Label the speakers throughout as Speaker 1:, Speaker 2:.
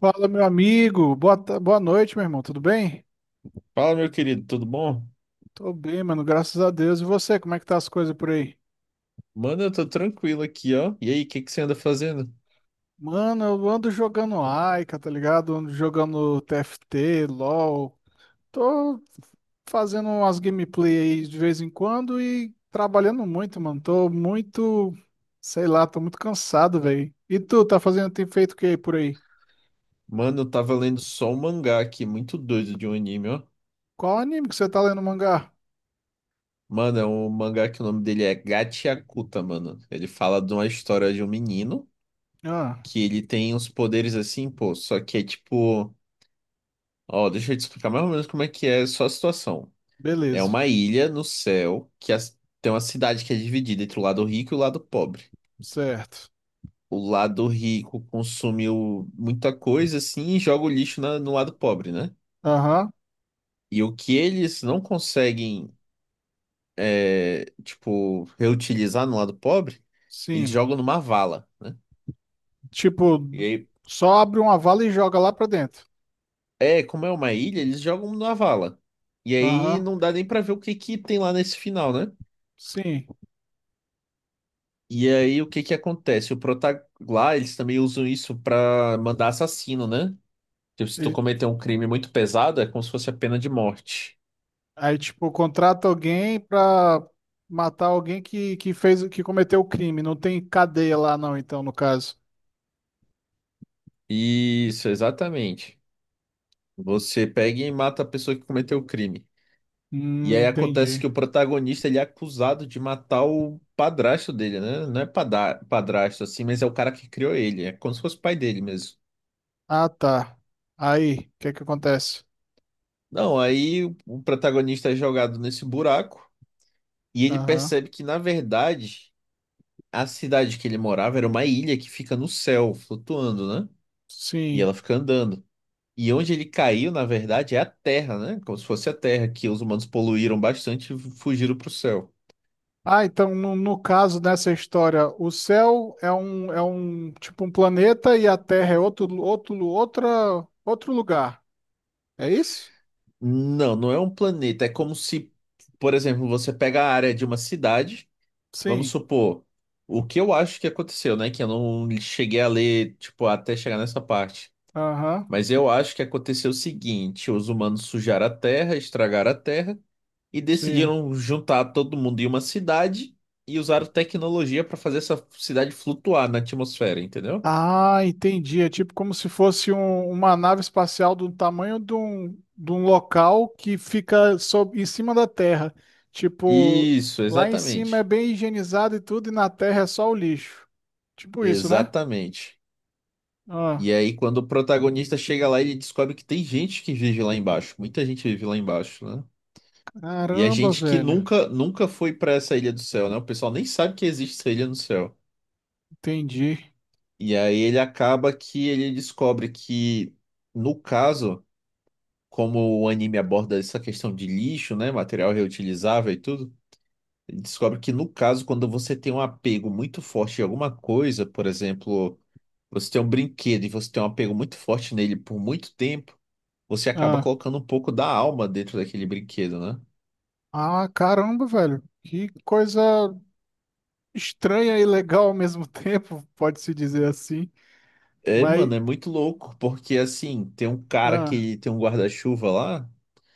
Speaker 1: Fala, meu amigo. Boa noite, meu irmão. Tudo bem?
Speaker 2: Fala, meu querido, tudo bom?
Speaker 1: Tô bem, mano. Graças a Deus. E você, como é que tá as coisas por aí?
Speaker 2: Mano, eu tô tranquilo aqui, ó. E aí, o que que você anda fazendo?
Speaker 1: Mano, eu ando jogando Aika, tá ligado? Ando jogando TFT, LoL. Tô fazendo umas gameplay aí de vez em quando e trabalhando muito, mano. Tô muito, sei lá, tô muito cansado, velho. E tu, tá fazendo, tem feito o que aí por aí?
Speaker 2: Mano, eu tava lendo só um mangá aqui, muito doido de um anime, ó.
Speaker 1: Qual anime que você tá lendo mangá?
Speaker 2: Mano, é um mangá que o nome dele é Gachiakuta, mano. Ele fala de uma história de um menino
Speaker 1: Ah,
Speaker 2: que ele tem uns poderes assim, pô, só que é tipo. Ó, deixa eu te explicar mais ou menos como é que é só a situação. É
Speaker 1: beleza.
Speaker 2: uma ilha no céu que tem uma cidade que é dividida entre o lado rico e o lado pobre.
Speaker 1: Certo.
Speaker 2: O lado rico consumiu muita coisa assim e joga o lixo no lado pobre, né?
Speaker 1: Aham,
Speaker 2: E o que eles não conseguem, é, tipo, reutilizar no lado pobre, eles
Speaker 1: sim.
Speaker 2: jogam numa vala, né?
Speaker 1: Tipo,
Speaker 2: E aí,
Speaker 1: só abre uma vala e joga lá pra dentro.
Speaker 2: é, como é uma ilha, eles jogam numa vala. E aí
Speaker 1: Aham,
Speaker 2: não dá nem pra ver o que que tem lá nesse final, né?
Speaker 1: sim.
Speaker 2: E aí o que que acontece? O prota lá, eles também usam isso pra mandar assassino, né? Tipo, se tu
Speaker 1: Ele-
Speaker 2: cometer um crime muito pesado, é como se fosse a pena de morte.
Speaker 1: Aí, tipo, contrata alguém pra matar alguém que cometeu o crime. Não tem cadeia lá, não, então, no caso.
Speaker 2: Isso, exatamente. Você pega e mata a pessoa que cometeu o crime. E aí acontece que
Speaker 1: Entendi.
Speaker 2: o protagonista ele é acusado de matar o padrasto dele, né? Não é padrasto assim, mas é o cara que criou ele. É como se fosse o pai dele mesmo.
Speaker 1: Ah, tá. Aí, o que é que acontece?
Speaker 2: Não, aí o protagonista é jogado nesse buraco e ele
Speaker 1: Aham,
Speaker 2: percebe que, na verdade, a cidade que ele morava era uma ilha que fica no céu, flutuando, né? E ela
Speaker 1: sim.
Speaker 2: fica andando. E onde ele caiu, na verdade, é a terra, né? Como se fosse a terra que os humanos poluíram bastante e fugiram para o céu.
Speaker 1: Ah, então, no caso dessa história, o céu é um, tipo, um planeta e a Terra é outro lugar. É isso?
Speaker 2: Não, não é um planeta. É como se, por exemplo, você pega a área de uma cidade, vamos
Speaker 1: Sim.
Speaker 2: supor, o que eu acho que aconteceu, né? Que eu não cheguei a ler, tipo, até chegar nessa parte.
Speaker 1: Aham.
Speaker 2: Mas eu acho que aconteceu o seguinte: os humanos sujaram a terra, estragaram a terra e
Speaker 1: Sim.
Speaker 2: decidiram juntar todo mundo em uma cidade e usaram tecnologia para fazer essa cidade flutuar na atmosfera, entendeu?
Speaker 1: Ah, entendi. É tipo como se fosse uma nave espacial do tamanho de um local que fica sob, em cima da Terra. Tipo,
Speaker 2: Isso,
Speaker 1: lá em cima é
Speaker 2: exatamente.
Speaker 1: bem higienizado e tudo, e na Terra é só o lixo. Tipo isso, né?
Speaker 2: Exatamente.
Speaker 1: Ah,
Speaker 2: E aí, quando o protagonista chega lá, ele descobre que tem gente que vive lá embaixo. Muita gente vive lá embaixo, né? E é
Speaker 1: caramba,
Speaker 2: gente que
Speaker 1: velho.
Speaker 2: nunca, nunca foi pra essa ilha do céu, né? O pessoal nem sabe que existe essa ilha no céu.
Speaker 1: Entendi.
Speaker 2: E aí ele acaba que ele descobre que, no caso, como o anime aborda essa questão de lixo, né? Material reutilizável e tudo. Ele descobre que, no caso, quando você tem um apego muito forte em alguma coisa, por exemplo, você tem um brinquedo e você tem um apego muito forte nele por muito tempo, você acaba
Speaker 1: Ah,
Speaker 2: colocando um pouco da alma dentro daquele brinquedo, né?
Speaker 1: caramba, velho. Que coisa estranha e legal ao mesmo tempo, pode-se dizer assim.
Speaker 2: É,
Speaker 1: Mas,
Speaker 2: mano, é muito louco, porque assim, tem um cara
Speaker 1: ah,
Speaker 2: que tem um guarda-chuva lá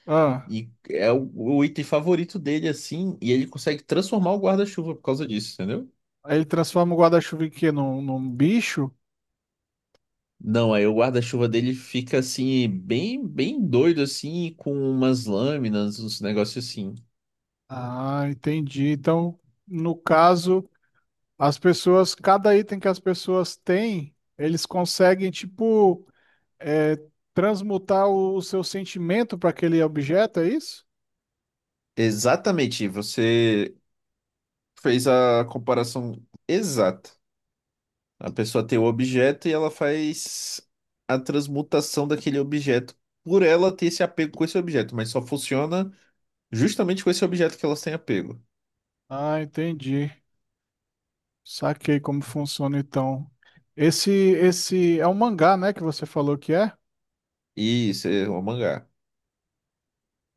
Speaker 1: ah.
Speaker 2: e é o item favorito dele, assim, e ele consegue transformar o guarda-chuva por causa disso, entendeu?
Speaker 1: Aí ele transforma o guarda-chuva em quê? Num bicho?
Speaker 2: Não, aí o guarda-chuva dele fica assim, bem, bem doido, assim, com umas lâminas, uns negócios assim.
Speaker 1: Ah, entendi. Então, no caso, as pessoas, cada item que as pessoas têm, eles conseguem, tipo, é, transmutar o seu sentimento para aquele objeto, é isso?
Speaker 2: Exatamente, você fez a comparação exata. A pessoa tem o objeto e ela faz a transmutação daquele objeto por ela ter esse apego com esse objeto, mas só funciona justamente com esse objeto que elas têm apego.
Speaker 1: Ah, entendi. Saquei como funciona então. Esse é um mangá, né, que você falou que é?
Speaker 2: Isso, é um mangá.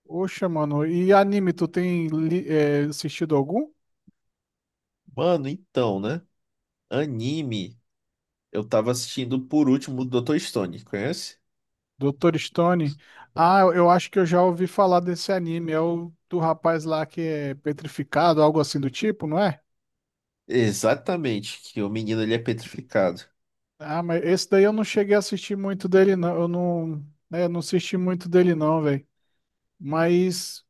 Speaker 1: Oxa, mano. E anime, é, assistido algum?
Speaker 2: Mano, então, né? Anime, eu tava assistindo por último o Dr. Stone, conhece?
Speaker 1: Doutor Stone. Ah, eu acho que eu já ouvi falar desse anime. É o do rapaz lá que é petrificado, algo assim do tipo, não é?
Speaker 2: Exatamente, que o menino ele é petrificado.
Speaker 1: Ah, mas esse daí eu não cheguei a assistir muito dele, não. Eu não assisti muito dele, não, velho. Mas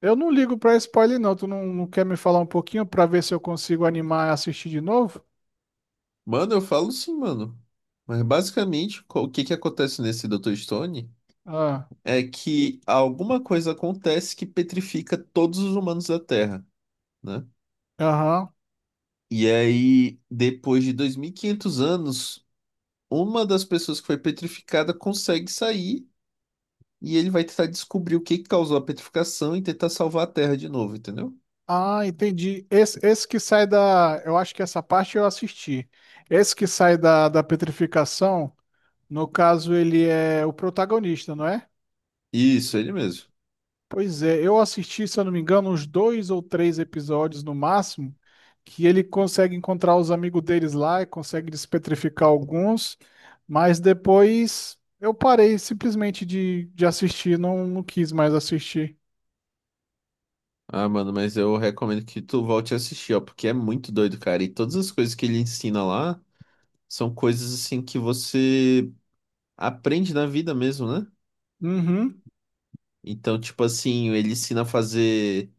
Speaker 1: eu não ligo pra spoiler, não. Tu não quer me falar um pouquinho pra ver se eu consigo animar e assistir de novo?
Speaker 2: Mano, eu falo sim, mano. Mas basicamente, o que que acontece nesse Dr. Stone?
Speaker 1: Ah,
Speaker 2: É que alguma coisa acontece que petrifica todos os humanos da Terra, né?
Speaker 1: aham.
Speaker 2: E aí, depois de 2.500 anos, uma das pessoas que foi petrificada consegue sair e ele vai tentar descobrir o que que causou a petrificação e tentar salvar a Terra de novo, entendeu?
Speaker 1: Ah, entendi. Esse que sai da. Eu acho que essa parte eu assisti. Esse que sai da petrificação. No caso, ele é o protagonista, não é?
Speaker 2: Isso, ele mesmo.
Speaker 1: Pois é, eu assisti, se eu não me engano, uns dois ou três episódios no máximo, que ele consegue encontrar os amigos deles lá e consegue despetrificar alguns, mas depois eu parei simplesmente de assistir, não quis mais assistir.
Speaker 2: Ah, mano, mas eu recomendo que tu volte a assistir, ó, porque é muito doido, cara. E todas as coisas que ele ensina lá são coisas assim que você aprende na vida mesmo, né?
Speaker 1: Uhum.
Speaker 2: Então, tipo assim, ele ensina a fazer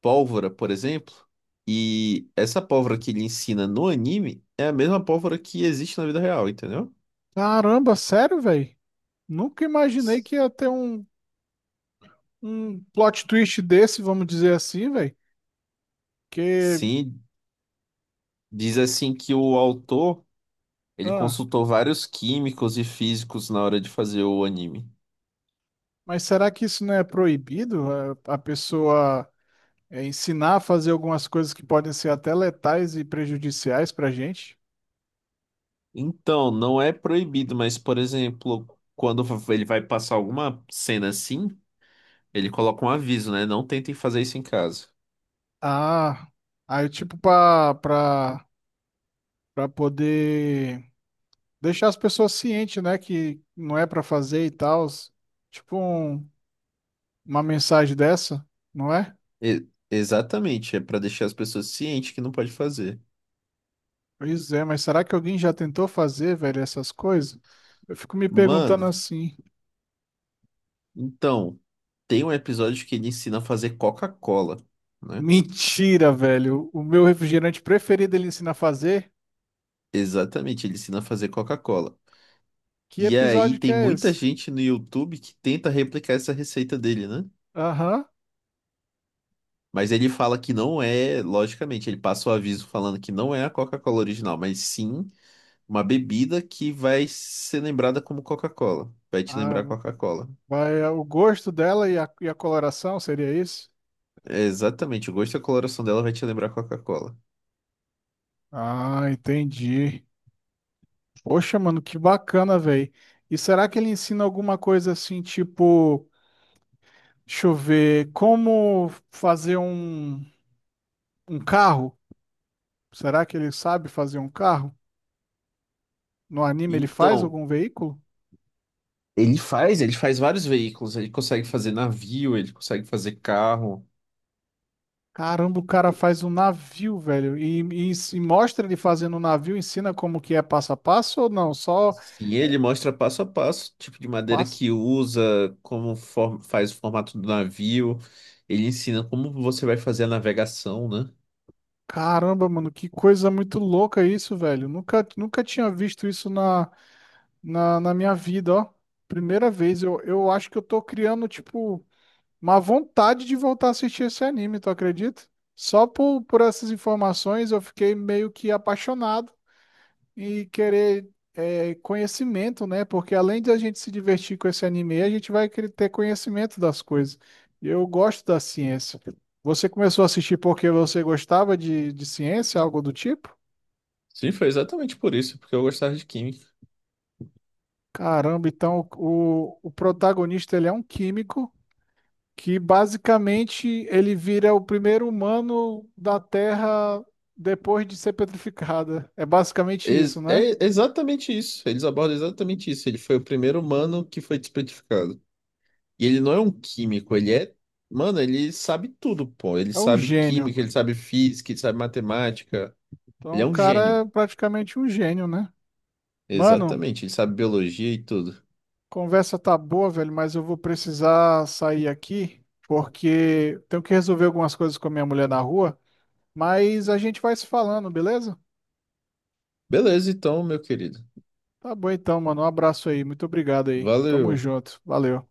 Speaker 2: pólvora, por exemplo, e essa pólvora que ele ensina no anime é a mesma pólvora que existe na vida real, entendeu?
Speaker 1: Caramba, sério, velho? Nunca imaginei
Speaker 2: S-
Speaker 1: que ia ter um plot twist desse, vamos dizer assim, velho. Que.
Speaker 2: Sim, diz assim que o autor, ele
Speaker 1: Ah.
Speaker 2: consultou vários químicos e físicos na hora de fazer o anime.
Speaker 1: Mas será que isso não é proibido? A pessoa é, ensinar a fazer algumas coisas que podem ser até letais e prejudiciais para a gente?
Speaker 2: Então, não é proibido, mas, por exemplo, quando ele vai passar alguma cena assim, ele coloca um aviso, né? Não tentem fazer isso em casa.
Speaker 1: Ah, aí tipo para poder deixar as pessoas cientes, né, que não é para fazer e tal. Tipo um- uma mensagem dessa, não é?
Speaker 2: Exatamente, é pra deixar as pessoas cientes que não pode fazer.
Speaker 1: Pois é, mas será que alguém já tentou fazer, velho, essas coisas? Eu fico me perguntando
Speaker 2: Mano,
Speaker 1: assim.
Speaker 2: então, tem um episódio que ele ensina a fazer Coca-Cola, né?
Speaker 1: Mentira, velho. O meu refrigerante preferido ele ensina a fazer.
Speaker 2: Exatamente, ele ensina a fazer Coca-Cola.
Speaker 1: Que
Speaker 2: E aí
Speaker 1: episódio que
Speaker 2: tem
Speaker 1: é
Speaker 2: muita
Speaker 1: esse?
Speaker 2: gente no YouTube que tenta replicar essa receita dele, né?
Speaker 1: Aham.
Speaker 2: Mas ele fala que não é, logicamente, ele passa o aviso falando que não é a Coca-Cola original, mas sim uma bebida que vai ser lembrada como Coca-Cola. Vai te
Speaker 1: Ah,
Speaker 2: lembrar Coca-Cola.
Speaker 1: vai, é o gosto dela e a coloração, seria isso?
Speaker 2: É, exatamente, o gosto e a coloração dela vai te lembrar Coca-Cola.
Speaker 1: Ah, entendi. Poxa, mano, que bacana, velho. E será que ele ensina alguma coisa assim, tipo, deixa eu ver, como fazer um carro? Será que ele sabe fazer um carro? No anime ele faz
Speaker 2: Então,
Speaker 1: algum veículo?
Speaker 2: ele faz, ele faz vários veículos, ele consegue fazer navio, ele consegue fazer carro.
Speaker 1: Caramba, o cara faz um navio, velho. E mostra ele fazendo um navio, ensina como que é passo a passo ou não? Só
Speaker 2: Sim, ele mostra passo a passo o tipo de madeira
Speaker 1: passa.
Speaker 2: que usa, como faz o formato do navio. Ele ensina como você vai fazer a navegação, né?
Speaker 1: Caramba, mano, que coisa muito louca isso, velho. Nunca tinha visto isso na minha vida, ó. Primeira vez, eu acho que eu tô criando, tipo, uma vontade de voltar a assistir esse anime, tu acredita? Só por essas informações eu fiquei meio que apaixonado e querer é, conhecimento, né? Porque além de a gente se divertir com esse anime, a gente vai querer ter conhecimento das coisas. E eu gosto da ciência. Você começou a assistir porque você gostava de ciência, algo do tipo?
Speaker 2: Sim, foi exatamente por isso, porque eu gostava de química.
Speaker 1: Caramba, então o protagonista ele é um químico que basicamente ele vira o primeiro humano da Terra depois de ser petrificada. É basicamente isso, né?
Speaker 2: É exatamente isso, eles abordam exatamente isso. Ele foi o primeiro humano que foi despetrificado. E ele não é um químico, ele é. Mano, ele sabe tudo, pô. Ele
Speaker 1: É um
Speaker 2: sabe
Speaker 1: gênio.
Speaker 2: química, ele sabe física, ele sabe matemática.
Speaker 1: Então
Speaker 2: Ele é
Speaker 1: o
Speaker 2: um
Speaker 1: cara
Speaker 2: gênio.
Speaker 1: é praticamente um gênio, né? Mano,
Speaker 2: Exatamente. Ele sabe biologia e tudo.
Speaker 1: conversa tá boa, velho, mas eu vou precisar sair aqui porque tenho que resolver algumas coisas com a minha mulher na rua, mas a gente vai se falando, beleza?
Speaker 2: Beleza, então, meu querido.
Speaker 1: Tá bom então, mano. Um abraço aí. Muito obrigado aí. Tamo
Speaker 2: Valeu.
Speaker 1: junto. Valeu.